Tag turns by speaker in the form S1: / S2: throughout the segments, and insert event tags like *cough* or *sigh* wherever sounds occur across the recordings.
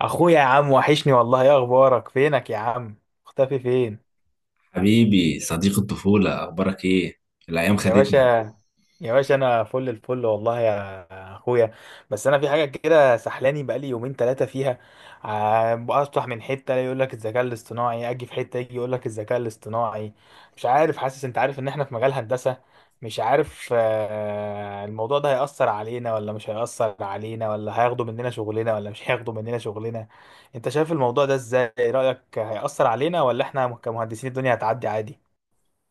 S1: اخويا، يا عم وحشني والله، ايه اخبارك؟ فينك يا عم؟ مختفي فين؟
S2: حبيبي صديق الطفولة، أخبارك إيه؟ الأيام
S1: يا باشا،
S2: خدتنا.
S1: يا باشا انا فل الفل والله يا اخويا. بس انا في حاجه كده سحلاني بقالي يومين ثلاثه فيها، افتح من حته يقول لك الذكاء الاصطناعي، اجي في حته يجي يقول لك الذكاء الاصطناعي. مش عارف، حاسس، انت عارف ان احنا في مجال هندسه، مش عارف، الموضوع ده هيأثر علينا ولا مش هيأثر علينا؟ ولا هياخدوا مننا شغلنا ولا مش هياخدوا مننا شغلنا؟ انت شايف الموضوع ده ازاي؟ رأيك هيأثر علينا ولا احنا كمهندسين الدنيا هتعدي عادي؟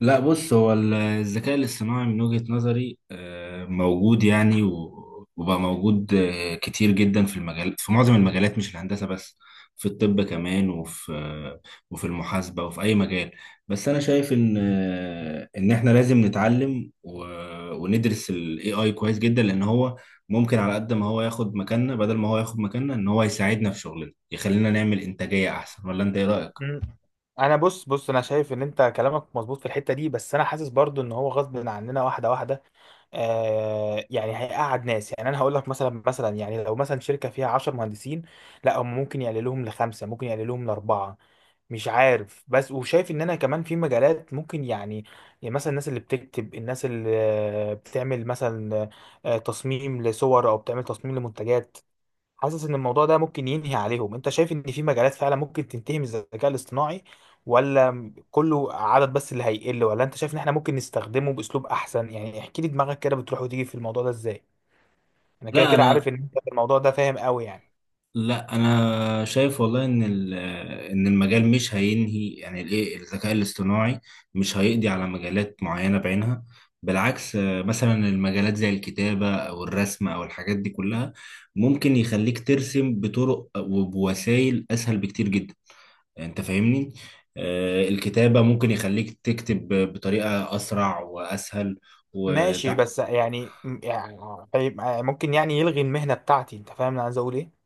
S2: لا بص، هو الذكاء الاصطناعي من وجهة نظري موجود يعني وبقى موجود كتير جدا في المجال، في معظم المجالات، مش الهندسة بس. في الطب كمان، وفي المحاسبة وفي أي مجال. بس أنا شايف إن إن إحنا لازم نتعلم وندرس ال AI كويس جدا، لأن هو ممكن، على قد ما هو ياخد مكاننا، بدل ما هو ياخد مكاننا، إن هو يساعدنا في شغلنا، يخلينا نعمل إنتاجية أحسن. ولا أنت إيه رأيك؟
S1: انا بص انا شايف ان انت كلامك مظبوط في الحته دي، بس انا حاسس برضو ان هو غصب عننا واحده واحده. آه يعني هيقعد ناس، يعني انا هقول لك مثلا يعني لو مثلا شركه فيها 10 مهندسين، لا هم ممكن يقللوهم لخمسه، ممكن يقللوهم لاربعه، مش عارف. بس وشايف ان انا كمان في مجالات ممكن يعني، يعني مثلا الناس اللي بتكتب، الناس اللي بتعمل مثلا تصميم لصور او بتعمل تصميم لمنتجات، حاسس ان الموضوع ده ممكن ينهي عليهم. انت شايف ان في مجالات فعلا ممكن تنتهي من الذكاء الاصطناعي، ولا كله عدد بس اللي هيقل؟ ولا انت شايف ان احنا ممكن نستخدمه باسلوب احسن؟ يعني احكي لي دماغك كده، بتروح وتيجي في الموضوع ده ازاي؟ انا كده
S2: لا
S1: كده
S2: انا
S1: عارف ان انت في الموضوع ده فاهم قوي يعني.
S2: لا، انا شايف والله ان ان المجال مش هينهي، يعني الايه، الذكاء الاصطناعي مش هيقضي على مجالات معينه بعينها. بالعكس، مثلا المجالات زي الكتابه او الرسم او الحاجات دي كلها، ممكن يخليك ترسم بطرق وبوسائل اسهل بكتير جدا. انت فاهمني؟ الكتابه ممكن يخليك تكتب بطريقه اسرع واسهل.
S1: ماشي، بس يعني يعني، ممكن يعني يلغي المهنة بتاعتي، انت فاهم انا عايز اقول ايه؟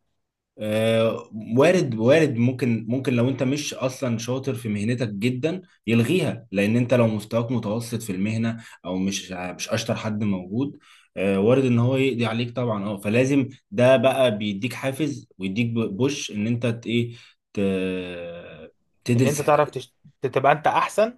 S2: آه، وارد، وارد ممكن لو انت مش اصلا شاطر في مهنتك جدا يلغيها، لان انت لو مستواك متوسط في المهنه، او مش اشطر حد موجود، وارد ان هو يقضي عليك طبعا. اه فلازم ده بقى بيديك حافز ويديك بوش ان انت ت-
S1: ان انت
S2: تدرس.
S1: تبقى انت احسن،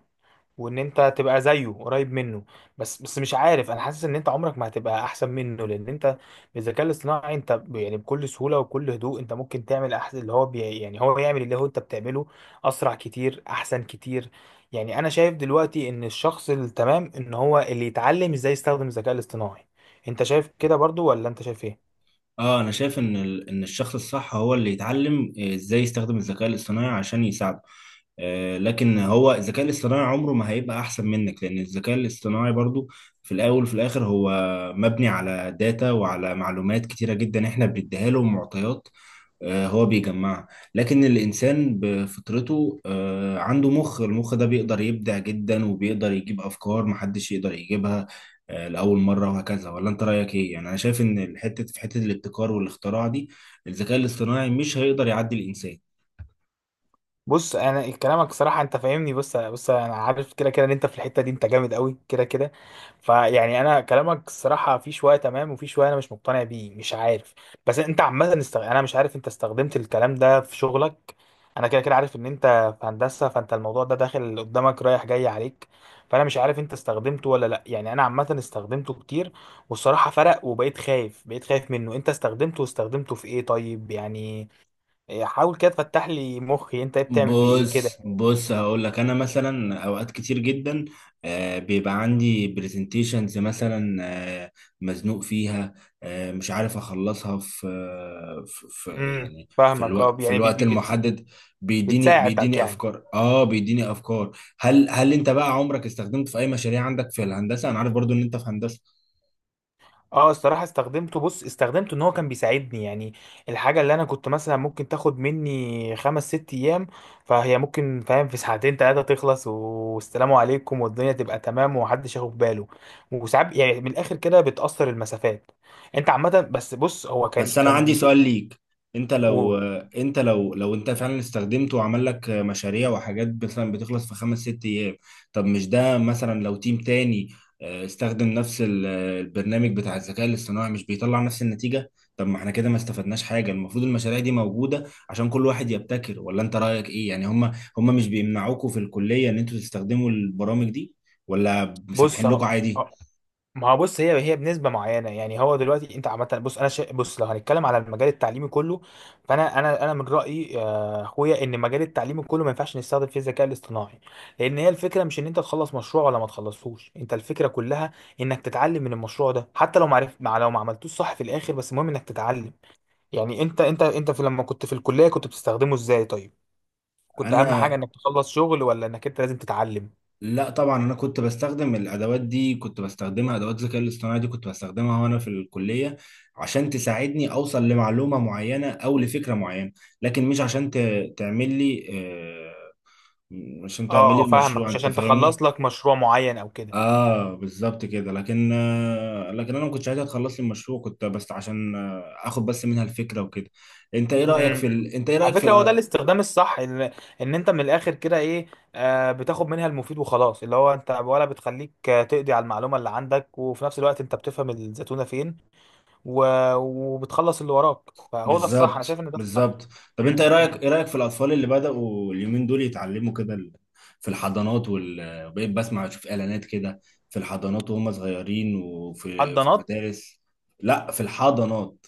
S1: وان انت تبقى زيه قريب منه. بس بس مش عارف، انا حاسس ان انت عمرك ما هتبقى احسن منه، لان انت بالذكاء الاصطناعي انت يعني بكل سهوله وبكل هدوء انت ممكن تعمل احسن اللي هو بي، يعني هو يعمل اللي هو انت بتعمله اسرع كتير، احسن كتير. يعني انا شايف دلوقتي ان الشخص التمام ان هو اللي يتعلم ازاي يستخدم الذكاء الاصطناعي. انت شايف كده برضو ولا انت شايف ايه؟
S2: اه انا شايف ان ان الشخص الصح هو اللي يتعلم ازاي يستخدم الذكاء الاصطناعي عشان يساعده. لكن هو الذكاء الاصطناعي عمره ما هيبقى احسن منك، لان الذكاء الاصطناعي برضو في الاول وفي الاخر هو مبني على داتا وعلى معلومات كتيرة جدا احنا بنديها له معطيات. هو بيجمعها. لكن الإنسان بفطرته عنده مخ، المخ ده بيقدر يبدع جدا وبيقدر يجيب أفكار محدش يقدر يجيبها لأول مرة، وهكذا. ولا أنت رأيك إيه؟ يعني أنا شايف إن الحتة، في حتة الابتكار والاختراع دي، الذكاء الاصطناعي مش هيقدر يعدي الإنسان.
S1: بص، انا كلامك صراحه انت فاهمني، بص انا عارف كده كده ان انت في الحته دي انت جامد قوي كده كده. فيعني انا كلامك الصراحه في شويه تمام، وفي شويه انا مش مقتنع بيه، مش عارف. بس انت عامه، انا مش عارف انت استخدمت الكلام ده في شغلك. انا كده كده عارف ان انت في هندسه، فانت الموضوع ده داخل قدامك رايح جاي عليك، فانا مش عارف انت استخدمته ولا لا. يعني انا عامه استخدمته كتير، والصراحه فرق، وبقيت خايف، بقيت خايف منه. انت استخدمته واستخدمته في ايه طيب؟ يعني حاول كده تفتح لي مخي، انت إيه بتعمل بيه ايه
S2: بص
S1: كده؟
S2: بص، هقول لك. انا مثلا اوقات كتير جدا بيبقى عندي برزنتيشنز مثلا، آه، مزنوق فيها، مش عارف اخلصها في يعني في
S1: فاهمك. اه
S2: الوقت، في
S1: يعني
S2: الوقت المحدد. بيديني
S1: بتساعدك
S2: بيديني
S1: يعني.
S2: افكار، اه بيديني افكار. هل انت بقى عمرك استخدمت في اي مشاريع عندك في الهندسة؟ انا عارف برضو ان انت في هندسة.
S1: اه الصراحه استخدمته، بص استخدمته ان هو كان بيساعدني، يعني الحاجه اللي انا كنت مثلا ممكن تاخد مني خمس ست ايام، فهي ممكن، فاهم، في ساعتين ثلاثه تخلص، والسلام عليكم، والدنيا تبقى تمام ومحدش ياخد باله. وساعات يعني من الاخر كده بتاثر المسافات. انت عامه، بس بص هو كان
S2: بس انا عندي
S1: كان
S2: سؤال ليك: انت لو،
S1: بيقول.
S2: انت لو انت فعلا استخدمته وعمل لك مشاريع وحاجات مثلا بتخلص في خمس ست ايام، طب مش ده مثلا لو تيم تاني استخدم نفس البرنامج بتاع الذكاء الاصطناعي مش بيطلع نفس النتيجة؟ طب ما احنا كده ما استفدناش حاجة. المفروض المشاريع دي موجودة عشان كل واحد يبتكر. ولا انت رأيك ايه؟ يعني هم مش بيمنعوكوا في الكلية ان انتوا تستخدموا البرامج دي، ولا
S1: بص
S2: مسامحين لكم
S1: اهو،
S2: عادي؟
S1: ما هو بص هي هي بنسبه معينه، يعني هو دلوقتي انت عامه بص انا بص لو هنتكلم على المجال التعليمي كله، فانا انا من رايي، اخويا، ان المجال التعليمي كله ما ينفعش نستخدم فيه الذكاء الاصطناعي، لان هي الفكره مش ان انت تخلص مشروع ولا ما تخلصهوش، انت الفكره كلها انك تتعلم من المشروع ده، حتى لو ما عرفت، مع لو ما عملتوش صح في الاخر، بس المهم انك تتعلم. يعني انت في لما كنت في الكليه كنت بتستخدمه ازاي طيب؟ كنت اهم حاجه
S2: انا
S1: انك تخلص شغل ولا انك انت لازم تتعلم؟
S2: لا طبعا، انا كنت بستخدم الادوات دي، كنت بستخدمها، ادوات الذكاء الاصطناعي دي كنت بستخدمها وانا في الكليه عشان تساعدني اوصل لمعلومه معينه او لفكره معينه، لكن مش عشان تعمل لي عشان
S1: اه،
S2: تعمل لي
S1: فاهمك،
S2: المشروع،
S1: مش
S2: انت
S1: عشان
S2: فاهمني.
S1: تخلص لك مشروع معين او كده.
S2: اه بالظبط كده. لكن لكن انا ما كنتش عايزها تخلص لي المشروع، كنت بس عشان اخد بس منها الفكره وكده. انت ايه رايك في
S1: امم
S2: انت ايه
S1: على
S2: رايك في؟
S1: فكرة هو ده الاستخدام الصح، ان ان انت من الاخر كده ايه، آه بتاخد منها المفيد وخلاص، اللي هو انت، ولا بتخليك تقضي على المعلومة اللي عندك، وفي نفس الوقت انت بتفهم الزتونة فين، و... وبتخلص اللي وراك، فهو ده الصح. انا شايف
S2: بالظبط،
S1: ان ده الصح.
S2: بالظبط. طب انت
S1: امم
S2: ايه رايك،
S1: امم
S2: ايه رايك في الاطفال اللي بداوا اليومين دول يتعلموا كده في الحضانات بقيت بسمع، اشوف اعلانات كده، في الحضانات وهم صغيرين، في
S1: حضانات.
S2: المدارس. لا في الحضانات،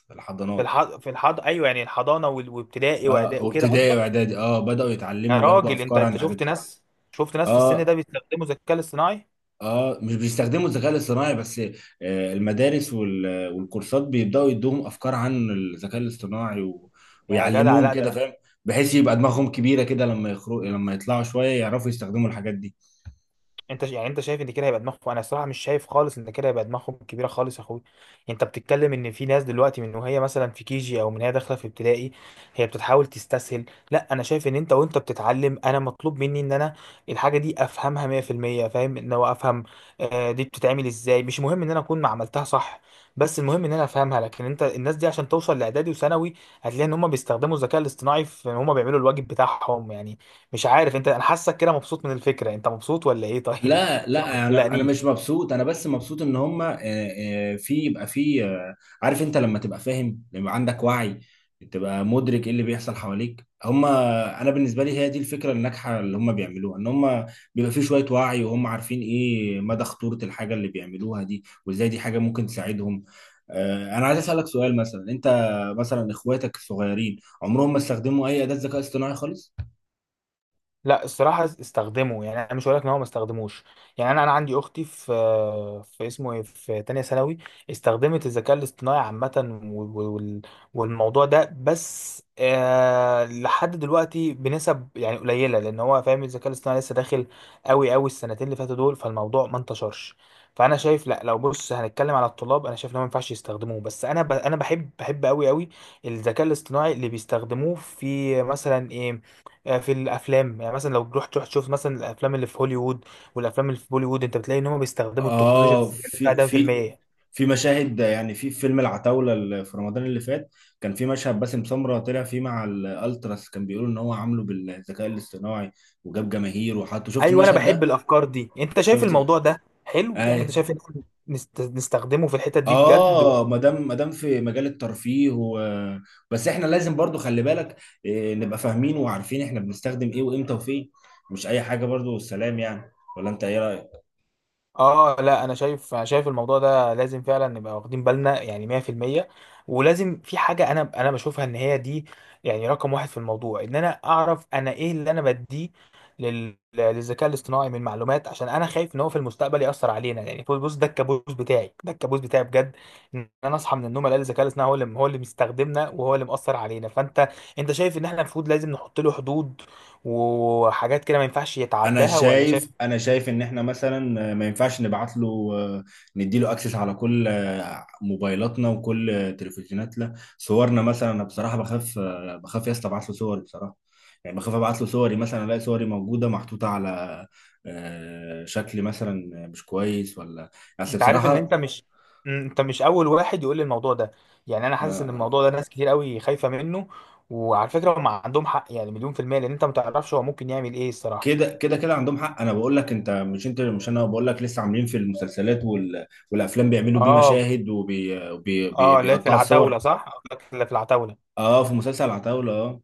S1: في
S2: الحضانات.
S1: الح... في الحض ايوه، يعني الحضانة، وابتدائي
S2: اه
S1: واعدادي وكده
S2: وابتدائي
S1: قصدك؟
S2: واعدادي، اه بداوا
S1: يا
S2: يتعلموا وياخدوا
S1: راجل، انت
S2: افكار عن
S1: انت
S2: الحاجات
S1: شفت
S2: دي.
S1: ناس شفت ناس في السن
S2: اه
S1: ده بيستخدموا الذكاء الاصطناعي؟
S2: اه مش بيستخدموا الذكاء الاصطناعي بس، المدارس والكورسات بيبداوا يدوهم افكار عن الذكاء الاصطناعي و...
S1: يا جدع
S2: ويعلموهم
S1: لا
S2: كده،
S1: ده.
S2: فاهم، بحيث يبقى دماغهم كبيره كده لما يخرج، لما يطلعوا شويه يعرفوا يستخدموا الحاجات دي.
S1: انت يعني انت شايف ان كده هيبقى دماغهم؟ انا الصراحه مش شايف خالص ان كده هيبقى دماغهم كبيره خالص يا اخوي. انت بتتكلم ان في ناس دلوقتي من وهي مثلا في كيجي او من هي داخله في ابتدائي، هي بتتحاول تستسهل. لا انا شايف ان انت وانت بتتعلم انا مطلوب مني ان انا الحاجه دي افهمها 100%، فاهم ان هو افهم دي بتتعمل ازاي. مش مهم ان انا اكون ما عملتها صح، بس المهم ان انا افهمها. لكن انت الناس دي عشان توصل لاعدادي وثانوي هتلاقي ان هم بيستخدموا الذكاء الاصطناعي في ان هم بيعملوا الواجب بتاعهم يعني. مش عارف انت، انا حاسك كده مبسوط من الفكره، انت مبسوط ولا ايه طيب
S2: لا
S1: *laughs* عشان ما
S2: لا انا انا مش
S1: تقلقنيش.
S2: مبسوط، انا بس مبسوط ان هم آه، آه، في يبقى في آه، عارف، انت لما تبقى فاهم، لما عندك وعي، تبقى مدرك ايه اللي بيحصل حواليك. هم انا بالنسبه لي هي دي الفكره الناجحه اللي هم بيعملوها، ان هم بيبقى في شويه وعي، وهم عارفين ايه مدى خطوره الحاجه اللي بيعملوها دي، وازاي دي حاجه ممكن تساعدهم. انا عايز اسالك سؤال: مثلا انت، مثلا اخواتك الصغيرين عمرهم ما استخدموا اي اداه ذكاء اصطناعي خالص؟
S1: لا الصراحة استخدمه، يعني أنا مش هقول لك إن هو ما استخدموش، يعني أنا عندي أختي في، في اسمه إيه، في تانية ثانوي، استخدمت الذكاء الاصطناعي عامة، والموضوع ده، بس آه لحد دلوقتي بنسب يعني قليلة، لأن هو فاهم الذكاء الاصطناعي لسه داخل أوي أوي السنتين اللي فاتوا دول، فالموضوع ما انتشرش. فأنا شايف لا، لو بص هنتكلم على الطلاب، أنا شايف إن هو ما ينفعش يستخدموه. بس أنا بحب بحب أوي أوي الذكاء الاصطناعي اللي بيستخدموه في مثلا إيه، في الافلام، يعني مثلا لو رحت تروح تشوف مثلا الافلام اللي في هوليوود والافلام اللي في بوليوود، انت بتلاقي ان هم بيستخدموا التكنولوجيا
S2: اه،
S1: الذكيه بتاع
S2: في
S1: ده في
S2: في
S1: المية.
S2: في مشاهد، يعني في فيلم العتاولة اللي في رمضان اللي فات كان في مشهد باسم سمرة طلع فيه مع الالتراس، كان بيقولوا ان هو عامله بالذكاء الاصطناعي، وجاب جماهير وحطه. شفت
S1: ايوه، انا
S2: المشهد
S1: بحب
S2: ده؟
S1: الافكار دي، انت شايف
S2: شفت.
S1: الموضوع ده حلو؟ يعني انت
S2: اي.
S1: شايف ان إحنا نستخدمه في الحتت دي بجد؟
S2: اه ما دام، ما دام في مجال الترفيه و... بس احنا لازم برضو خلي بالك، إيه، نبقى فاهمين وعارفين احنا بنستخدم ايه وامتى وفين، مش اي حاجة برضو والسلام يعني. ولا انت ايه رأيك؟
S1: اه لا، انا شايف الموضوع ده لازم فعلا نبقى واخدين بالنا يعني 100%. ولازم في حاجه انا بشوفها ان هي دي، يعني رقم واحد في الموضوع، ان انا اعرف انا ايه اللي انا بديه للذكاء الاصطناعي من معلومات، عشان انا خايف ان هو في المستقبل ياثر علينا. يعني بص ده الكابوس بتاعي، ده الكابوس بتاعي بجد، ان انا اصحى من النوم الاقي الذكاء الاصطناعي هو اللي، هو اللي مستخدمنا وهو اللي مأثر علينا. فانت، انت شايف ان احنا المفروض لازم نحط له حدود وحاجات كده ما ينفعش
S2: انا
S1: يتعداها ولا شايف؟
S2: شايف انا شايف ان احنا مثلا ما ينفعش نبعت له، نديله اكسس على كل موبايلاتنا وكل تلفزيوناتنا. صورنا مثلا، انا بصراحه بخاف، بخاف يا اسطى ابعت له صوري بصراحه. يعني بخاف ابعت له صوري مثلا الاقي صوري موجوده محطوطه على شكل مثلا مش كويس، ولا بس
S1: انت عارف ان انت
S2: بصراحه.
S1: مش مم، انت مش اول واحد يقول لي الموضوع ده، يعني انا حاسس ان
S2: آه،
S1: الموضوع ده ناس كتير قوي خايفة منه. وعلى فكرة هم عندهم حق يعني مليون في المية، لان انت ما تعرفش هو ممكن يعمل ايه الصراحة.
S2: كده عندهم حق. انا بقول لك، انت مش انت مش انا بقول لك لسه عاملين في المسلسلات والافلام بيعملوا بيه
S1: اه،
S2: مشاهد وبيقطعوا
S1: اه. لا في
S2: بيقطعوا
S1: العتاولة
S2: الصور.
S1: صح، لا في العتاولة.
S2: اه في مسلسل عتاولة، اه.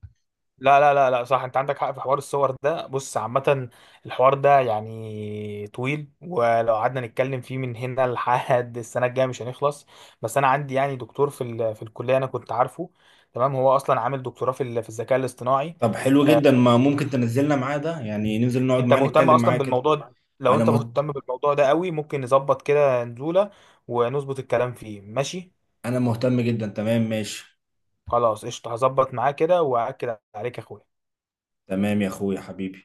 S1: لا لا لا لا، صح، انت عندك حق في حوار الصور ده. بص عامة الحوار ده يعني طويل، ولو قعدنا نتكلم فيه من هنا لحد السنة الجاية مش هنخلص. بس انا عندي يعني دكتور في الكلية انا كنت عارفه تمام، هو اصلا عامل دكتوراه في الذكاء الاصطناعي.
S2: طب حلو
S1: آه،
S2: جدا، ما ممكن تنزلنا معاه ده؟ يعني ننزل نقعد
S1: انت
S2: معاه
S1: مهتم
S2: نتكلم معاه
S1: اصلا
S2: كده.
S1: بالموضوع ده؟ لو
S2: انا
S1: انت
S2: مهت...
S1: مهتم بالموضوع ده قوي ممكن نظبط كده نزولة ونظبط الكلام فيه، ماشي.
S2: انا مهتم جدا، تمام، ماشي.
S1: خلاص قشطة، هظبط معاه كده واكد عليك يا اخويا.
S2: تمام يا اخويا حبيبي.